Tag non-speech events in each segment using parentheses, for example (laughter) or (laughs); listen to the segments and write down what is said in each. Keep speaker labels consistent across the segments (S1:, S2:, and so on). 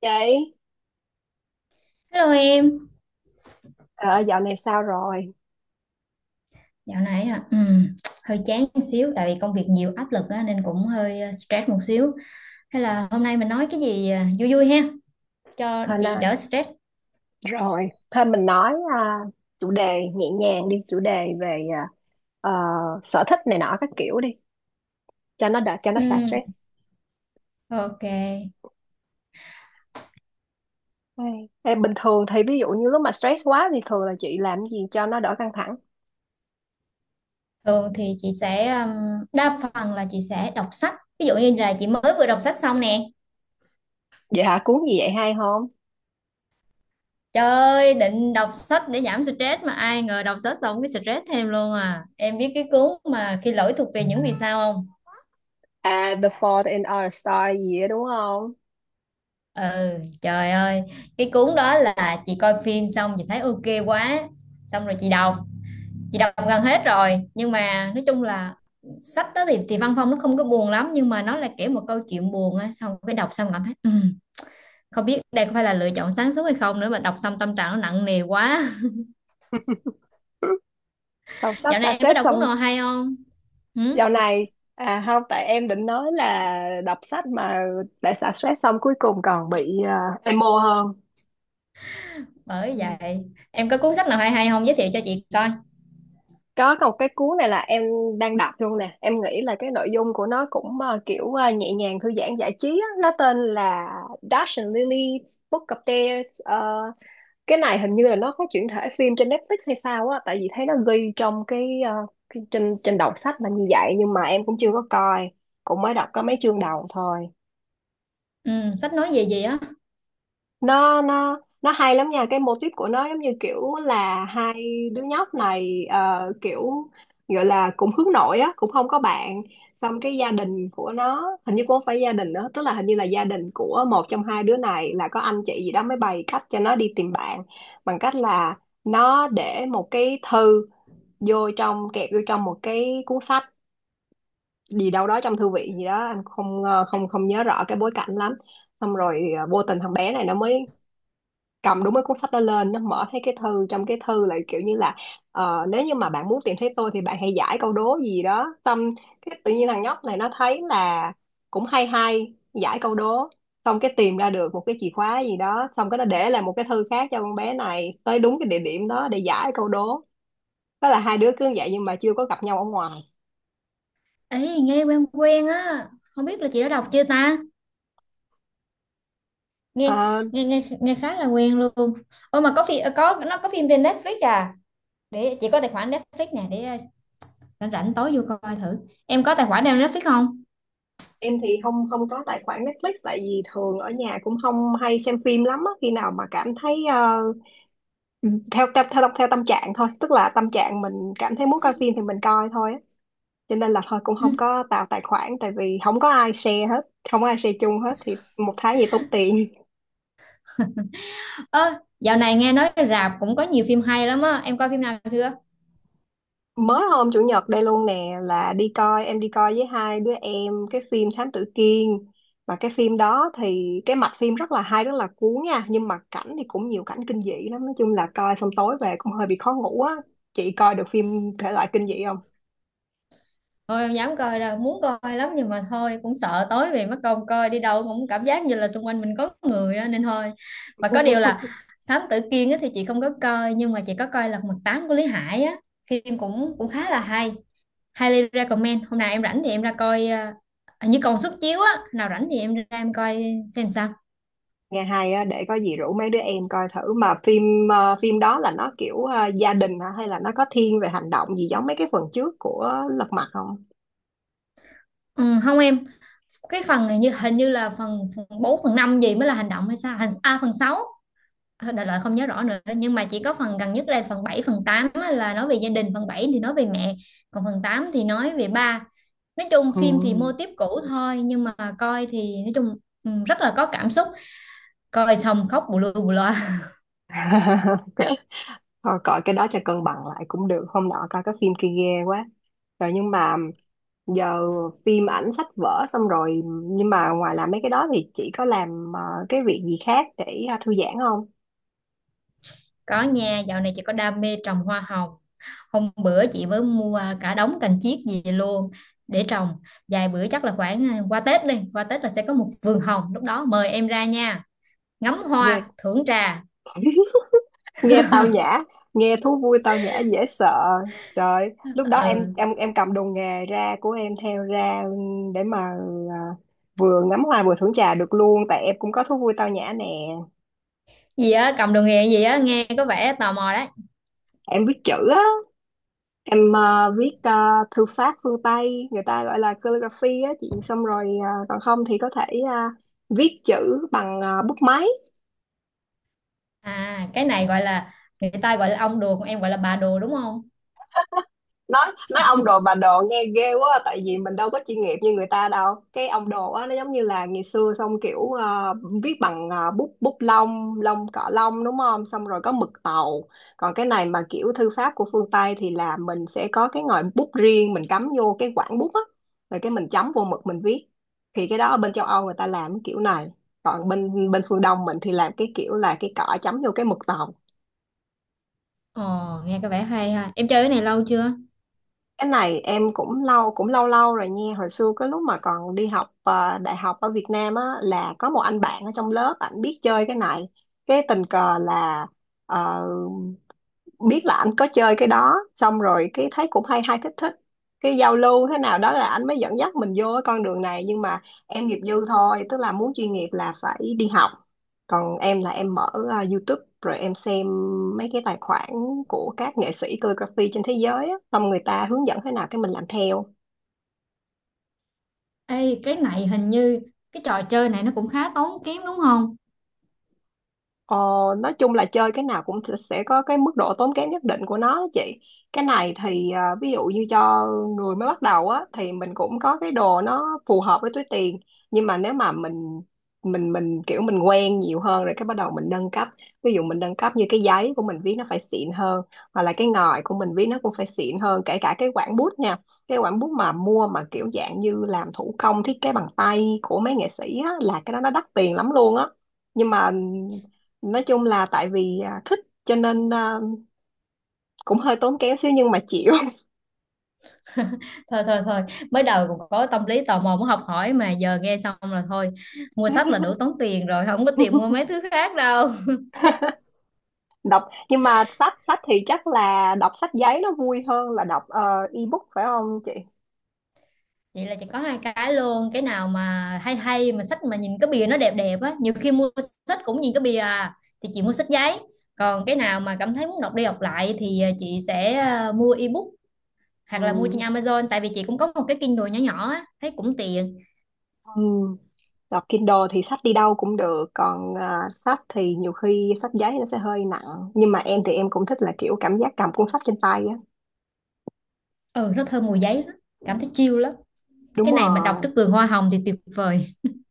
S1: Chị,
S2: Hello em,
S1: ờ, dạo này sao rồi?
S2: dạo này hả? Hơi chán một xíu tại vì công việc nhiều áp lực á, nên cũng hơi stress một xíu. Hay là hôm nay mình nói cái gì vui vui ha, cho
S1: Hên
S2: chị
S1: ơi,
S2: đỡ stress.
S1: rồi, thôi mình nói à, chủ đề nhẹ nhàng đi, chủ đề về ờ, sở thích này nọ các kiểu đi, cho nó đỡ, cho nó xả
S2: Ừm,
S1: stress.
S2: ok.
S1: Ê, ê, bình thường thì ví dụ như lúc mà stress quá thì thường là chị làm gì cho nó đỡ căng thẳng?
S2: Thường thì chị sẽ đa phần là chị sẽ đọc sách. Ví dụ như là chị mới vừa đọc sách xong nè.
S1: Vậy hả, cuốn gì vậy hay không?
S2: Trời ơi, định đọc sách để giảm stress mà ai ngờ đọc sách xong cái stress thêm luôn à. Em biết cái cuốn mà khi lỗi thuộc về những vì sao không?
S1: À, The Fault in Our Stars gì đó đúng không?
S2: Ừ, trời ơi, cái cuốn đó là chị coi phim xong chị thấy ok quá, xong rồi chị đọc gần hết rồi, nhưng mà nói chung là sách đó thì văn phong nó không có buồn lắm nhưng mà nó là kiểu một câu chuyện buồn á, xong cái đọc xong cảm thấy không biết đây có phải là lựa chọn sáng suốt hay không nữa mà đọc xong tâm trạng nó nặng nề quá.
S1: (laughs) Đọc
S2: (laughs)
S1: sách
S2: Dạo
S1: xả
S2: này em có
S1: stress
S2: đọc cuốn
S1: xong.
S2: nào hay không? Ừ,
S1: Dạo này, à không, tại em định nói là đọc sách mà đã xả stress xong cuối cùng còn bị emo hơn.
S2: bởi
S1: Ừ.
S2: vậy, em có cuốn sách nào hay hay không giới thiệu cho chị coi.
S1: Có một cái cuốn này là em đang đọc luôn nè, em nghĩ là cái nội dung của nó cũng kiểu nhẹ nhàng, thư giãn, giải trí á. Nó tên là Dash and Lily's Book of Dares. Ờ, cái này hình như là nó có chuyển thể phim trên Netflix hay sao á, tại vì thấy nó ghi trong cái, cái trên trên đầu sách là như vậy, nhưng mà em cũng chưa có coi, cũng mới đọc có mấy chương đầu thôi.
S2: Ừ, sách nói về gì á?
S1: Nó hay lắm nha, cái mô típ của nó giống như kiểu là hai đứa nhóc này kiểu gọi là cũng hướng nội á, cũng không có bạn. Xong cái gia đình của nó hình như cũng không phải gia đình nữa, tức là hình như là gia đình của một trong hai đứa này là có anh chị gì đó, mới bày cách cho nó đi tìm bạn bằng cách là nó để một cái thư vô trong, kẹp vô trong một cái cuốn sách gì đâu đó trong thư viện gì đó. Anh không ờ, không không nhớ rõ cái bối cảnh lắm. Xong rồi vô tình thằng bé này nó mới cầm đúng cái cuốn sách đó lên, nó mở thấy cái thư, trong cái thư lại kiểu như là nếu như mà bạn muốn tìm thấy tôi thì bạn hãy giải câu đố gì đó. Xong cái tự nhiên thằng nhóc này nó thấy là cũng hay hay, giải câu đố xong cái tìm ra được một cái chìa khóa gì đó, xong cái nó để lại một cái thư khác cho con bé này tới đúng cái địa điểm đó để giải câu đố. Đó là hai đứa cứ như vậy nhưng mà chưa có gặp nhau ở ngoài.
S2: Ê, nghe quen quen á, không biết là chị đã đọc chưa ta? Nghe
S1: Ờ,
S2: nghe nghe nghe khá là quen luôn. Ôi mà có phim trên Netflix à, để chị có tài khoản Netflix nè để rảnh rảnh tối vô coi thử. Em có tài khoản nào Netflix không?
S1: em thì không không có tài khoản Netflix, tại vì thường ở nhà cũng không hay xem phim lắm á. Khi nào mà cảm thấy Ừ, theo theo theo theo tâm trạng thôi, tức là tâm trạng mình cảm thấy muốn coi phim thì mình coi thôi á. Cho nên là thôi cũng không
S2: (laughs)
S1: có tạo tài khoản, tại vì không có ai share hết, không có ai share chung hết thì một tháng gì tốn tiền.
S2: Ơ, dạo này nghe nói rạp cũng có nhiều phim hay lắm á, em coi phim nào chưa?
S1: Mới hôm chủ nhật đây luôn nè là đi coi, em đi coi với hai đứa em cái phim Thám Tử Kiên. Và cái phim đó thì cái mạch phim rất là hay, rất là cuốn nha, nhưng mà cảnh thì cũng nhiều cảnh kinh dị lắm, nói chung là coi xong tối về cũng hơi bị khó ngủ á. Chị coi được phim thể loại kinh dị không?
S2: Thôi em dám coi rồi muốn coi lắm nhưng mà thôi cũng sợ tối về mất công coi đi đâu cũng cảm giác như là xung quanh mình có người á, nên thôi. Mà có điều là
S1: (laughs)
S2: Thám Tử Kiên á thì chị không có coi nhưng mà chị có coi Lật Mặt Tám của Lý Hải á, phim cũng cũng khá là hay, highly recommend. Hôm nào em rảnh thì em ra coi, hình như còn suất chiếu á, nào rảnh thì em ra em coi xem sao.
S1: Nghe hay á, để có gì rủ mấy đứa em coi thử. Mà phim đó là nó kiểu gia đình hả, hay là nó có thiên về hành động gì giống mấy cái phần trước của Lật Mặt không?
S2: Ừ, không em, cái phần hình như là phần 4 phần 5 gì mới là hành động hay sao phần sáu, đại loại không nhớ rõ nữa nhưng mà chỉ có phần gần nhất là phần 7 phần 8 á, là nói về gia đình, phần 7 thì nói về mẹ, còn phần 8 thì nói về ba. Nói chung
S1: Ừ.
S2: phim thì mô típ cũ thôi nhưng mà coi thì nói chung rất là có cảm xúc, coi xong khóc bù lu bù loa.
S1: (laughs) Thôi coi cái đó cho cân bằng lại cũng được, hôm nọ coi cái phim kia ghê quá rồi. Nhưng mà giờ phim ảnh, sách vở xong rồi, nhưng mà ngoài làm mấy cái đó thì chị có làm cái việc gì khác để thư giãn không?
S2: (laughs) Có nha, dạo này chỉ có đam mê trồng hoa hồng. Hôm bữa chị mới mua cả đống cành chiết gì luôn để trồng, vài bữa chắc là khoảng qua Tết là sẽ có một vườn hồng, lúc đó mời em ra nha, ngắm hoa thưởng trà.
S1: Ghê. Nghe tao nhã, nghe thú vui tao nhã dễ sợ. Trời, lúc đó
S2: (laughs)
S1: em
S2: Ừ,
S1: em cầm đồ nghề ra, của em theo ra, để mà à, vừa ngắm hoa vừa thưởng trà được luôn, tại em cũng có thú vui tao nhã nè.
S2: gì á cầm đồ nghề gì á, nghe có vẻ tò mò đấy.
S1: Em viết chữ á, em viết thư pháp phương Tây, người ta gọi là calligraphy á chị, xong rồi còn không thì có thể viết chữ bằng bút máy.
S2: À cái này gọi là Người ta gọi là ông đồ còn em gọi là bà đồ đúng không?
S1: Nói nói ông đồ bà đồ nghe ghê quá, tại vì mình đâu có chuyên nghiệp như người ta đâu. Cái ông đồ á nó giống như là ngày xưa, xong kiểu viết bằng bút bút lông lông cọ lông đúng không, xong rồi có mực tàu. Còn cái này mà kiểu thư pháp của phương Tây thì là mình sẽ có cái ngòi bút riêng, mình cắm vô cái quảng bút á, rồi cái mình chấm vô mực mình viết. Thì cái đó ở bên châu Âu người ta làm cái kiểu này, còn bên bên phương Đông mình thì làm cái kiểu là cái cọ chấm vô cái mực tàu.
S2: Ồ, nghe có vẻ hay ha. Em chơi cái này lâu chưa?
S1: Cái này em cũng lâu, cũng lâu lâu rồi nha. Hồi xưa cái lúc mà còn đi học đại học ở Việt Nam á là có một anh bạn ở trong lớp, ảnh biết chơi cái này. Cái tình cờ là ờ, biết là anh có chơi cái đó, xong rồi cái thấy cũng hay hay, thích thích, cái giao lưu thế nào đó là anh mới dẫn dắt mình vô cái con đường này. Nhưng mà em nghiệp dư thôi, tức là muốn chuyên nghiệp là phải đi học. Còn em là em mở YouTube rồi em xem mấy cái tài khoản của các nghệ sĩ calligraphy trên thế giới á, xong người ta hướng dẫn thế nào cái mình làm theo.
S2: Ê, cái này hình như cái trò chơi này nó cũng khá tốn kém đúng không?
S1: Ờ, nói chung là chơi cái nào cũng sẽ có cái mức độ tốn kém nhất định của nó đó chị. Cái này thì ví dụ như cho người mới bắt đầu á thì mình cũng có cái đồ nó phù hợp với túi tiền. Nhưng mà nếu mà mình kiểu mình quen nhiều hơn rồi cái bắt đầu mình nâng cấp. Ví dụ mình nâng cấp như cái giấy của mình viết nó phải xịn hơn, hoặc là cái ngòi của mình viết nó cũng phải xịn hơn, kể cả cái quản bút nha. Cái quản bút mà mua mà kiểu dạng như làm thủ công, thiết kế bằng tay của mấy nghệ sĩ á, là cái đó nó đắt tiền lắm luôn á. Nhưng mà nói chung là tại vì thích cho nên cũng hơi tốn kém xíu nhưng mà chịu.
S2: Thôi thôi thôi, mới đầu cũng có tâm lý tò mò muốn học hỏi mà giờ nghe xong là thôi, mua sách là đủ tốn tiền rồi, không có tiền mua
S1: (laughs)
S2: mấy thứ khác đâu.
S1: Đọc nhưng mà sách sách thì chắc là đọc sách giấy nó vui hơn là đọc ebook phải không chị?
S2: Vậy là chỉ có hai cái luôn, cái nào mà hay hay mà sách mà nhìn cái bìa nó đẹp đẹp á, nhiều khi mua sách cũng nhìn cái bìa à, thì chị mua sách giấy, còn cái nào mà cảm thấy muốn đọc đi đọc lại thì chị sẽ mua ebook
S1: Ừ.
S2: hoặc là mua trên Amazon, tại vì chị cũng có một cái Kindle nhỏ nhỏ á thấy cũng tiện.
S1: Ừ. Đọc Kindle thì sách đi đâu cũng được, còn sách thì nhiều khi sách giấy nó sẽ hơi nặng, nhưng mà em thì em cũng thích là kiểu cảm giác cầm cuốn sách trên tay á.
S2: Ừ, nó thơm mùi giấy lắm, cảm thấy chill lắm.
S1: Đúng
S2: Cái này mà đọc
S1: rồi.
S2: trước vườn hoa hồng thì tuyệt vời.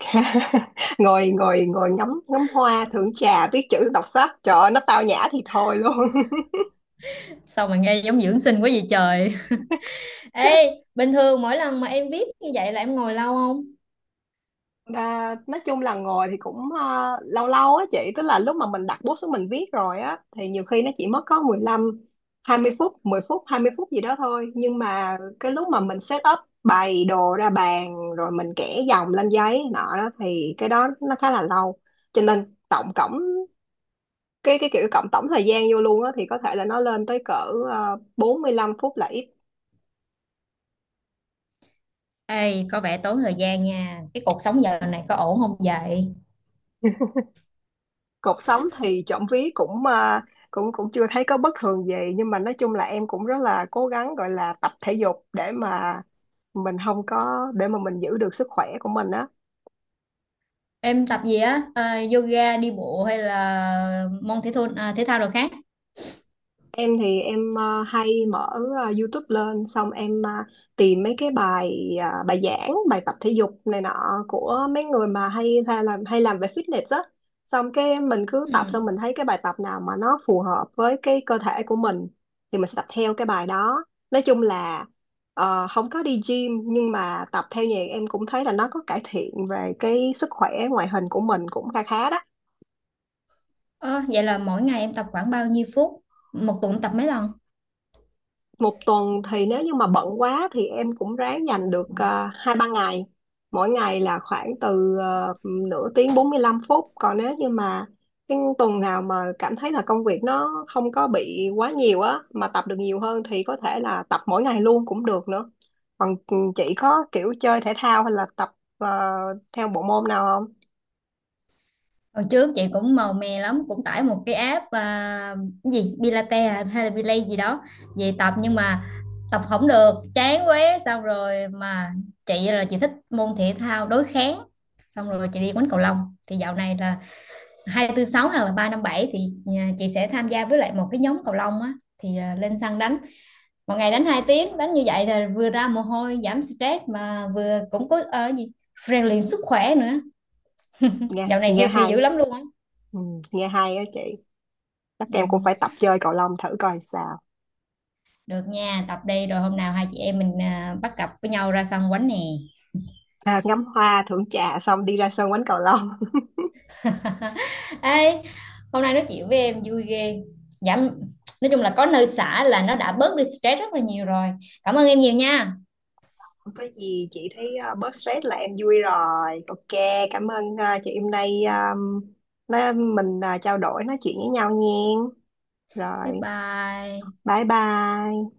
S1: (laughs) ngồi ngồi ngồi ngắm ngắm hoa, thưởng trà, viết chữ, đọc sách, trời ơi, nó tao nhã thì thôi luôn.
S2: Sao mà nghe giống dưỡng sinh quá vậy trời. Ê, bình thường mỗi lần mà em viết như vậy là em ngồi lâu không?
S1: À, nói chung là ngồi thì cũng lâu lâu á chị, tức là lúc mà mình đặt bút xuống mình viết rồi á thì nhiều khi nó chỉ mất có 15 20 phút, 10 phút 20 phút gì đó thôi, nhưng mà cái lúc mà mình set up bày đồ ra bàn rồi mình kẻ dòng lên giấy nọ đó thì cái đó nó khá là lâu. Cho nên tổng cộng cái kiểu cộng tổng thời gian vô luôn á thì có thể là nó lên tới cỡ 45 phút là ít.
S2: Ê, có vẻ tốn thời gian nha. Cái cuộc sống giờ này có ổn không vậy?
S1: Cột sống thì trộm vía cũng à, cũng cũng chưa thấy có bất thường gì, nhưng mà nói chung là em cũng rất là cố gắng gọi là tập thể dục để mà mình không có, để mà mình giữ được sức khỏe của mình á.
S2: Em tập gì á, Yoga, đi bộ hay là môn thể thao, thể thao rồi khác?
S1: Em thì em hay mở YouTube lên, xong em tìm mấy cái bài giảng, bài tập thể dục này nọ của mấy người mà hay hay làm về fitness á. Xong cái mình cứ
S2: Ừ.
S1: tập, xong mình thấy cái bài tập nào mà nó phù hợp với cái cơ thể của mình thì mình sẽ tập theo cái bài đó. Nói chung là không có đi gym nhưng mà tập theo nhạc em cũng thấy là nó có cải thiện về cái sức khỏe, ngoại hình của mình cũng khá khá đó.
S2: Ờ, Vậy là mỗi ngày em tập khoảng bao nhiêu phút? Một tuần tập mấy lần?
S1: Một tuần thì nếu như mà bận quá thì em cũng ráng dành được hai ba ngày, mỗi ngày là khoảng từ nửa tiếng, 45 phút, còn nếu như mà cái tuần nào mà cảm thấy là công việc nó không có bị quá nhiều á mà tập được nhiều hơn thì có thể là tập mỗi ngày luôn cũng được nữa. Còn chị có kiểu chơi thể thao hay là tập à, theo bộ môn nào không?
S2: Hồi trước chị cũng màu mè lắm, cũng tải một cái app cái gì Pilates hay là Belay gì đó về tập, nhưng mà tập không được chán quá, xong rồi mà chị là chị thích môn thể thao đối kháng, xong rồi chị đi quánh cầu lông thì dạo này là hai tư sáu hoặc là ba năm bảy thì nhà chị sẽ tham gia với lại một cái nhóm cầu lông á, thì lên sân đánh, một ngày đánh 2 tiếng, đánh như vậy là vừa ra mồ hôi giảm stress mà vừa cũng có gì rèn luyện sức khỏe nữa.
S1: nghe
S2: Dạo này
S1: nghe
S2: healthy
S1: hay.
S2: dữ lắm luôn á.
S1: ừ, nghe hay á chị, chắc
S2: Ừ,
S1: em cũng phải tập chơi cầu lông thử coi sao.
S2: được nha, tập đây rồi hôm nào hai chị em mình bắt cặp với nhau ra sân quánh nè.
S1: Ngắm hoa thưởng trà xong đi ra sân quánh cầu lông.
S2: (laughs) Ê, hôm nay nói chuyện với em vui ghê. Giảm, nói chung là có nơi xả là nó đã bớt đi stress rất là nhiều rồi. Cảm ơn em nhiều nha.
S1: Không có gì chị, thấy bớt stress là em vui rồi. Ok, cảm ơn chị hôm nay nói, mình trao đổi nói chuyện với nhau nha.
S2: Bye
S1: Rồi,
S2: bye.
S1: bye bye.